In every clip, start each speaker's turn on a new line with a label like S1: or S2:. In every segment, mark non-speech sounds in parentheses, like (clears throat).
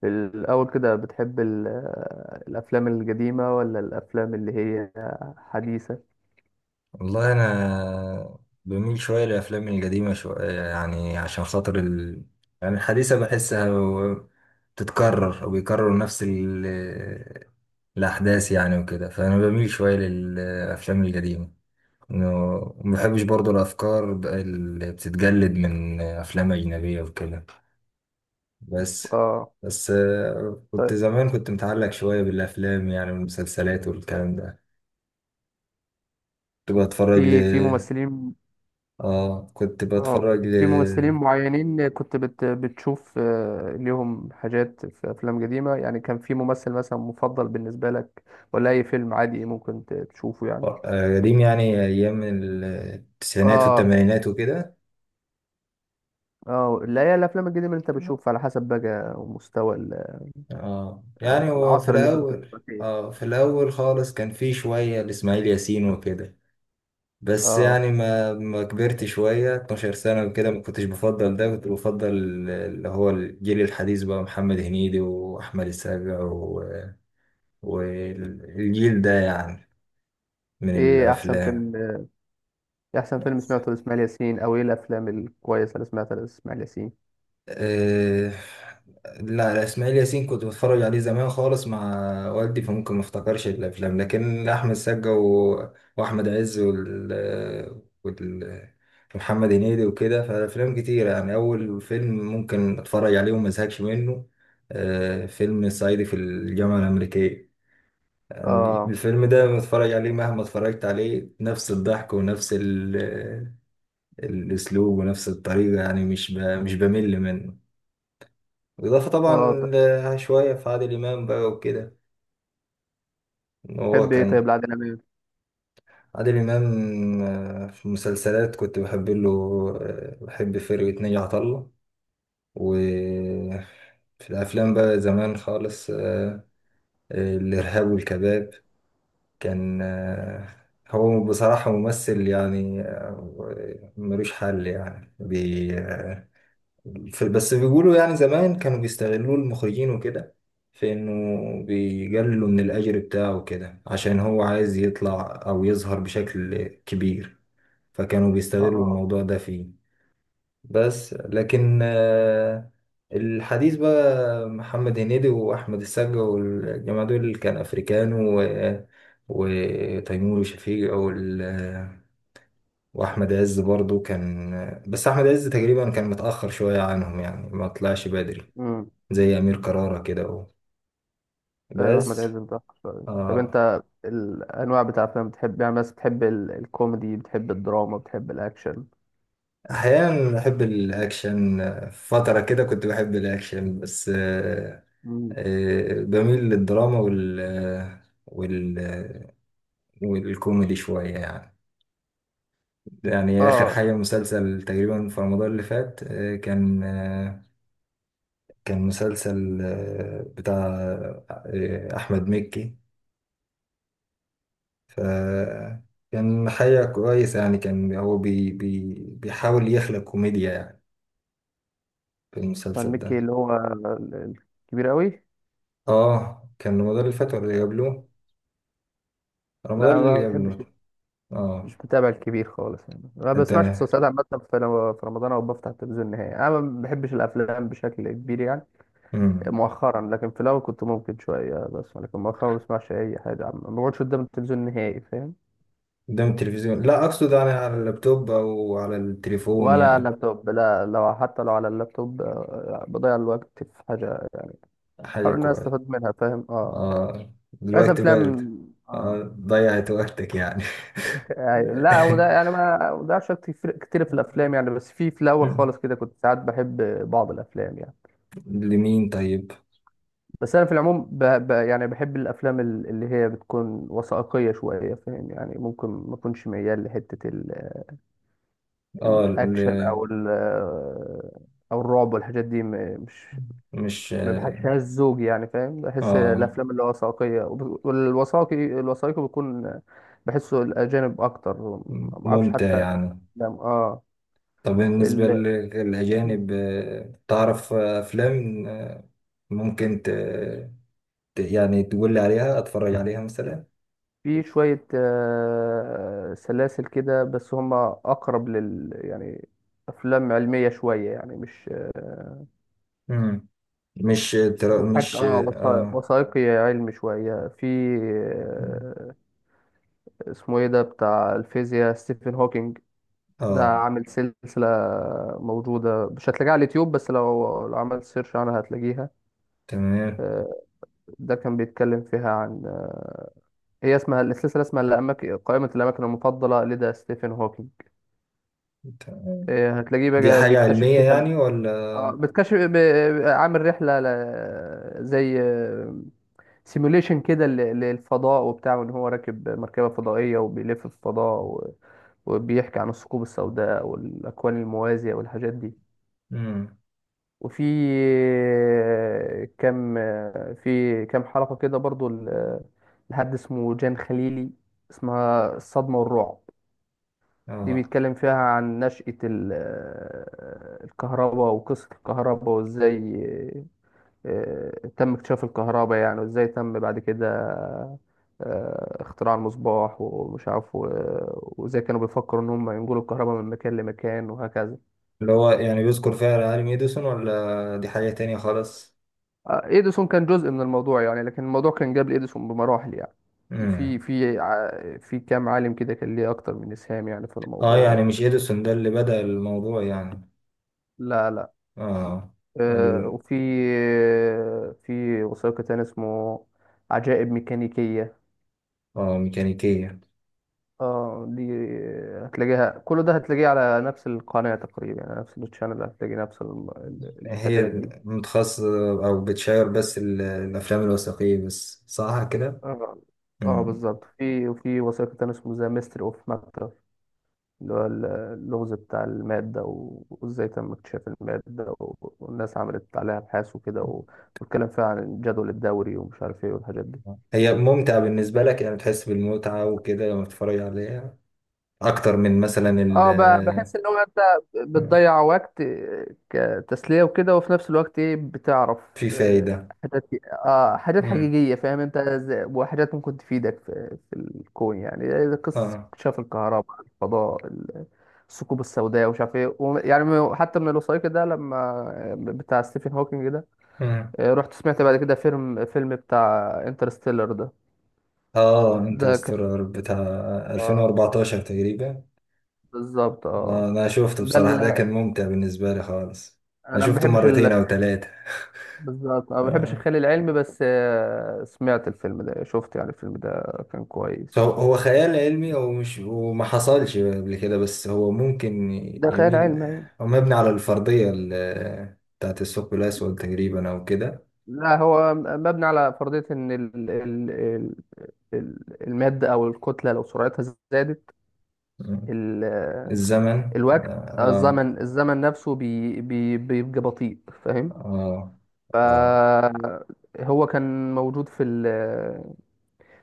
S1: في الأول كده بتحب الأفلام القديمة ولا الأفلام اللي هي حديثة؟
S2: والله انا بميل شويه للافلام القديمه شويه يعني عشان خاطر. يعني الحديثه بحسها بتتكرر وبيكرروا نفس الاحداث يعني وكده، فانا بميل شويه للافلام القديمه. إنه- وما بحبش برضو الافكار اللي بتتجلد من افلام اجنبيه وكده. بس
S1: اه،
S2: بس. كنت
S1: طيب،
S2: زمان كنت متعلق شويه بالافلام يعني والمسلسلات والكلام ده. كنت بتفرج
S1: في في ممثلين
S2: اه كنت
S1: اه
S2: بتفرج ل
S1: في ممثلين معينين كنت بتشوف ليهم حاجات في أفلام قديمة يعني، كان في ممثل مثلا مفضل بالنسبة لك، ولا أي فيلم عادي ممكن تشوفه يعني؟
S2: آه، قديم يعني ايام التسعينات
S1: اه،
S2: والثمانينات وكده.
S1: اه، لا، هي الأفلام القديمة اللي أنت بتشوفها على حسب بقى مستوى
S2: اه، يعني
S1: أو
S2: هو في
S1: العصر اللي أنت كنت
S2: الاول.
S1: بتتفرج فيه.
S2: اه، في الاول خالص كان في شوية لاسماعيل ياسين وكده. بس
S1: اه،
S2: يعني ما كبرت شوية 12 سنة وكده ما كنتش بفضل ده، كنت بفضل اللي هو الجيل الحديث، بقى محمد هنيدي واحمد السقا والجيل ده يعني من
S1: ايه احسن
S2: الافلام.
S1: فيلم احسن فيلم سمعته لاسماعيل ياسين، او ايه الافلام الكويسه اللي سمعتها لاسماعيل ياسين؟
S2: آه، لا، لا، اسماعيل ياسين كنت بتفرج عليه زمان خالص مع والدي، فممكن ما افتكرش الافلام، لكن احمد سقا واحمد عز وال... ومحمد هنيدي وكده، فالافلام كتير يعني. اول فيلم ممكن اتفرج عليه وما ازهقش منه فيلم صعيدي في الجامعه الامريكيه. يعني
S1: اه،
S2: الفيلم ده بتفرج عليه مهما اتفرجت عليه، نفس الضحك ونفس الاسلوب ونفس الطريقه، يعني مش بمل منه. بالإضافة طبعا
S1: اه،
S2: شوية في عادل إمام بقى وكده. إن هو
S1: تحب ايه طيب
S2: كان
S1: لعادل امام؟
S2: عادل إمام، في المسلسلات كنت بحب له. بحب فرقة ناجي عطا الله. وفي الأفلام بقى زمان خالص، الإرهاب والكباب كان. هو بصراحة ممثل يعني، ملوش حل يعني بي آه، بس بيقولوا يعني زمان كانوا بيستغلوا المخرجين وكده، في انه بيقللوا من الاجر بتاعه وكده عشان هو عايز يطلع او يظهر بشكل كبير، فكانوا بيستغلوا
S1: اه،
S2: الموضوع ده فيه. بس لكن الحديث بقى محمد هنيدي واحمد السقا والجماعه دول، كان افريكان وتيمور وشفيق واحمد عز برضو كان، بس احمد عز تقريبا كان متاخر شويه عنهم، يعني ما طلعش بدري
S1: امم،
S2: زي أمير كرارة كده أهو.
S1: ايوه، احمد
S2: بس
S1: عز بتاع شوية. طب
S2: آه
S1: انت الانواع بتاع افلام بتحب يعني، بس بتحب الكوميدي، بتحب الدراما، بتحب الاكشن؟
S2: أحيانا بحب الأكشن، فترة كده كنت بحب الأكشن بس.
S1: مم.
S2: بميل للدراما والكوميدي شوية يعني. يعني آخر
S1: اه،
S2: حاجة مسلسل تقريبا في رمضان اللي فات كان مسلسل بتاع أحمد مكي. ف كان حاجة كويسة يعني، كان هو بي بي بيحاول يخلق كوميديا يعني في
S1: فان
S2: المسلسل
S1: مكي
S2: ده.
S1: اللي هو الكبير قوي؟
S2: اه، كان رمضان اللي فات ولا اللي قبله؟
S1: لا،
S2: رمضان
S1: أنا ما
S2: اللي
S1: بحبش،
S2: قبله.
S1: مش
S2: اه،
S1: بتابع الكبير خالص يعني، ما
S2: إيه،
S1: بسمعش
S2: تمام.
S1: مسلسلات عامة في رمضان أو بفتح التلفزيون نهائي. أنا ما بحبش الأفلام بشكل كبير يعني،
S2: امم.
S1: مؤخرا، لكن في الاول كنت ممكن شويه، بس لكن مؤخرا ما بسمعش اي حاجه، عم ما بقعدش قدام التلفزيون نهائي، فاهم؟
S2: قدام التلفزيون، لا اقصد يعني على اللابتوب او على التليفون
S1: ولا
S2: يعني.
S1: لابتوب، لا، حتى لو على اللابتوب بضيع الوقت في حاجه، احاول
S2: حاجه
S1: ان انا
S2: كويسه.
S1: استفاد منها، فاهم؟ اه.
S2: اه،
S1: بس
S2: الوقت
S1: افلام.
S2: برد.
S1: اه.
S2: ضيعت وقتك يعني.
S1: أيوة. لا، هو ده
S2: (laughs)
S1: يعني ما بضيعش وقت كتير كتير في الافلام يعني، بس في الاول
S2: مم.
S1: خالص كده كنت ساعات بحب بعض الافلام يعني.
S2: لمين طيب.
S1: بس انا في العموم يعني بحب الافلام اللي هي بتكون وثائقيه شويه، فاهم؟ يعني ممكن ما اكونش ميال لحته
S2: اه.
S1: الاكشن او الرعب والحاجات دي، مش،
S2: مش.
S1: ما بحسهاش زوج يعني، فاهم؟ بحس
S2: اه،
S1: الافلام اللي هو وثائقيه، والوثائقي، الوثائقي بيكون بحسه الاجانب اكتر، ما اعرفش
S2: ممتع
S1: حتى
S2: يعني.
S1: افلام. اه.
S2: طب بالنسبة
S1: ال... (clears throat)
S2: للأجانب، تعرف، أفلام. ممكن ت... ت- يعني تقول لي عليها أتفرج عليها مثلا.
S1: في شويه سلاسل كده، بس هم اقرب لل، يعني افلام علميه شويه، يعني مش
S2: مم. مش.
S1: بتحكي،
S2: مش.
S1: وثائقي علمي شويه في آه، اسمه ايه ده بتاع الفيزياء، ستيفن هوكينج ده
S2: آه
S1: عامل سلسلة موجودة، مش هتلاقيها على اليوتيوب، بس لو عملت سيرش عنها هتلاقيها.
S2: تمام.
S1: آه، ده كان بيتكلم فيها عن آه، هي اسمها السلسلة، اسمها الأماكن، قائمة الأماكن المفضلة لدى ستيفن هوكينج.
S2: تمام.
S1: هتلاقيه
S2: دي
S1: بقى
S2: حاجة
S1: بيكتشف
S2: علمية
S1: فيها،
S2: يعني
S1: اه
S2: ولا؟
S1: بتكشف، عامل رحله زي سيموليشن كده للفضاء وبتاع، وان هو راكب مركبه فضائيه وبيلف في الفضاء وبيحكي عن الثقوب السوداء والاكوان الموازيه والحاجات دي.
S2: مم.
S1: وفي كام حلقه كده برضو لحد اسمه جان خليلي، اسمها الصدمه والرعب. دي
S2: آه
S1: بيتكلم فيها عن نشأة الكهرباء وقصة الكهرباء، وازاي تم اكتشاف الكهرباء يعني، وازاي تم بعد كده اختراع المصباح ومش عارف، وازاي كانوا بيفكروا ان هم ينقلوا الكهرباء من مكان لمكان وهكذا.
S2: اللي هو يعني بيذكر فيها العالم إديسون، ولا دي حاجة تانية خالص؟
S1: اديسون كان جزء من الموضوع يعني، لكن الموضوع كان قبل اديسون بمراحل يعني. في
S2: مم.
S1: في ع- في كام عالم كده كان ليه اكتر من اسهام يعني في
S2: يعني
S1: الموضوع.
S2: مش إديسون ده اللي بدأ الموضوع يعني.
S1: لا، لا.
S2: آه. ال...
S1: وفي آه، في وثائقي تاني اسمه عجائب ميكانيكية.
S2: ميكانيكية.
S1: اه، دي هتلاقيها، كل ده هتلاقيه على نفس القناة تقريبا يعني، نفس التشانل هتلاقي نفس
S2: هي
S1: الحاجات دي.
S2: متخصصة أو بتشير بس الأفلام الوثائقية بس، صح كده؟
S1: اه، اه،
S2: مم.
S1: بالظبط. وفي وثائقي تاني اسمه ذا ميستري اوف ماكتر، اللي هو اللغز بتاع المادة، وازاي تم اكتشاف المادة، والناس عملت عليها ابحاث وكده، والكلام فيها عن الجدول الدوري ومش عارف ايه والحاجات دي.
S2: هي ممتعة بالنسبة لك، يعني بتحس بالمتعة وكده لما بتتفرج عليها أكتر من مثلا
S1: اه،
S2: ال.
S1: بحس ان هو انت
S2: مم.
S1: بتضيع وقت كتسلية وكده، وفي نفس الوقت ايه، بتعرف
S2: في
S1: آه،
S2: فايدة.
S1: حاجات اه حاجات
S2: مم.
S1: حقيقية، فاهم؟ انت وحاجات ممكن تفيدك في الكون يعني، زي قصة
S2: اه.
S1: اكتشاف الكهرباء، الفضاء، الثقوب السوداء ومش عارف ايه، يعني حتى من الوثائقي ده، لما بتاع ستيفن هوكينج ده،
S2: مم.
S1: رحت سمعت بعد كده فيلم بتاع انترستيلر ده.
S2: اه،
S1: ده كان،
S2: انترستيلر بتاع
S1: آه،
S2: 2014 تقريبا.
S1: بالظبط، اه.
S2: أنا شفته
S1: ده
S2: بصراحة، ده
S1: اللي
S2: كان ممتع بالنسبة لي خالص. أنا
S1: انا ما
S2: شفته
S1: بحبش،
S2: مرتين أو ثلاثة.
S1: بالظبط، انا ما بحبش الخيال العلمي، بس سمعت الفيلم ده شفت يعني الفيلم ده كان كويس.
S2: هو خيال علمي، هو مش وما حصلش قبل كده، بس هو ممكن
S1: ده خيال
S2: يميل.
S1: علمي يعني.
S2: هو مبني على الفرضية بتاعت الثقب الأسود تقريبا أو كده.
S1: لا، هو مبني على فرضية ان المادة او الكتلة لو سرعتها زادت،
S2: مم.
S1: ال
S2: الزمن.
S1: الوقت،
S2: آه
S1: الزمن نفسه بي بي بيبقى بطيء، فاهم؟
S2: آه آه
S1: فهو كان موجود في ال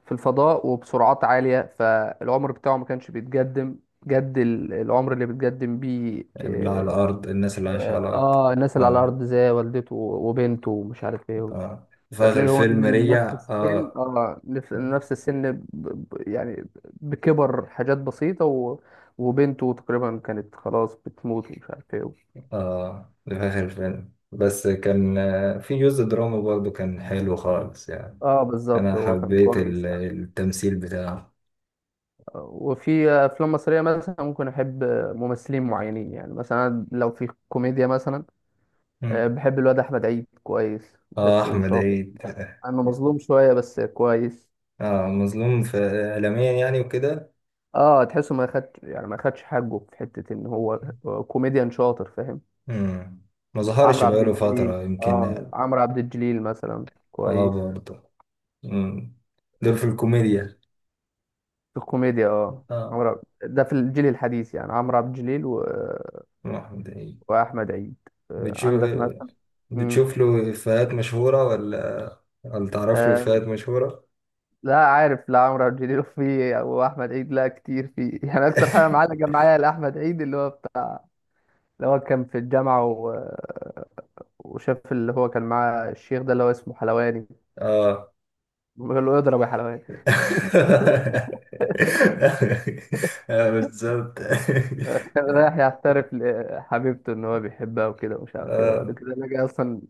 S1: في الفضاء وبسرعات عالية، فالعمر بتاعه ما كانش بيتقدم جد العمر اللي بيتقدم بيه،
S2: اللي على الأرض، الناس اللي عايشة على الأرض.
S1: اه، الناس اللي على
S2: آه.
S1: الارض زي والدته وبنته ومش عارف ايه.
S2: آه، في آخر
S1: هتلاقي هو
S2: الفيلم
S1: نزل
S2: رجع
S1: نفس السن،
S2: آه
S1: يعني بكبر حاجات بسيطة وبنته تقريبا كانت خلاص بتموت ومش عارف ايه.
S2: ده في آخر الفيلم، بس كان في جزء دراما برضه، كان حلو خالص يعني.
S1: اه،
S2: أنا
S1: بالظبط، هو كان
S2: حبيت
S1: كويس يعني.
S2: التمثيل بتاعه.
S1: وفي افلام مصرية مثلا ممكن احب ممثلين معينين يعني، مثلا لو في كوميديا مثلا بحب الواد احمد عيد، كويس،
S2: اه،
S1: بحسه
S2: احمد
S1: شاطر.
S2: عيد.
S1: انا مظلوم شوية بس كويس.
S2: اه، مظلوم في اعلاميا يعني وكده.
S1: اه، تحسه ما خدش يعني ما خدش حقه في حته ان هو كوميديان شاطر، فاهم؟
S2: مم. ما ظهرش
S1: عمرو عبد
S2: بقاله
S1: الجليل
S2: فترة
S1: اه
S2: يمكن.
S1: عمرو عبد الجليل مثلا
S2: اه،
S1: كويس
S2: برضه. مم. دول في الكوميديا.
S1: في الكوميديا.
S2: اه،
S1: ده في الجيل الحديث يعني عمرو عبد الجليل
S2: احمد عيد.
S1: واحمد عيد.
S2: بتشوف
S1: عندك مثلا، امم
S2: بتشوف له افيهات مشهورة، ولا ولا تعرف له افيهات
S1: آه
S2: مشهورة؟
S1: لا، عارف، لا. عمرو عبد الجليل (laughs) في، واحمد عيد، لا كتير، في يعني اكتر حاجه معلقه
S2: (laughs)
S1: معايا لاحمد عيد اللي هو كان في الجامعه وشاف اللي هو كان معاه الشيخ ده اللي هو اسمه حلواني.
S2: اه
S1: بيقول له اضرب يا حلوان.
S2: (laughs) بالظبط. (laughs)
S1: كان (laughs) رايح يعترف لحبيبته ان هو بيحبها وكده، ومش عارف ايه، وبعد
S2: اه
S1: كده لقى اصلا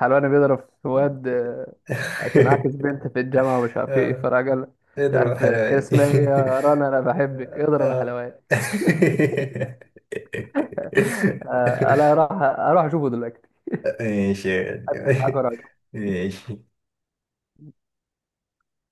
S1: حلوان بيضرب في واد، عشان عاكس بنت في الجامعه، ومش عارف ايه، فراجل.
S2: (laughs)
S1: مش
S2: اضرب
S1: عارف كان
S2: حلواني.
S1: اسمها ايه. يا رنا، انا بحبك.
S2: (laughs)
S1: اضرب يا
S2: آه.
S1: حلوان.
S2: (laughs)
S1: انا اروح، اروح اشوفه دلوقتي.
S2: ماشي يا
S1: أقفل معاك
S2: غالي.
S1: وأروح.
S2: ماشي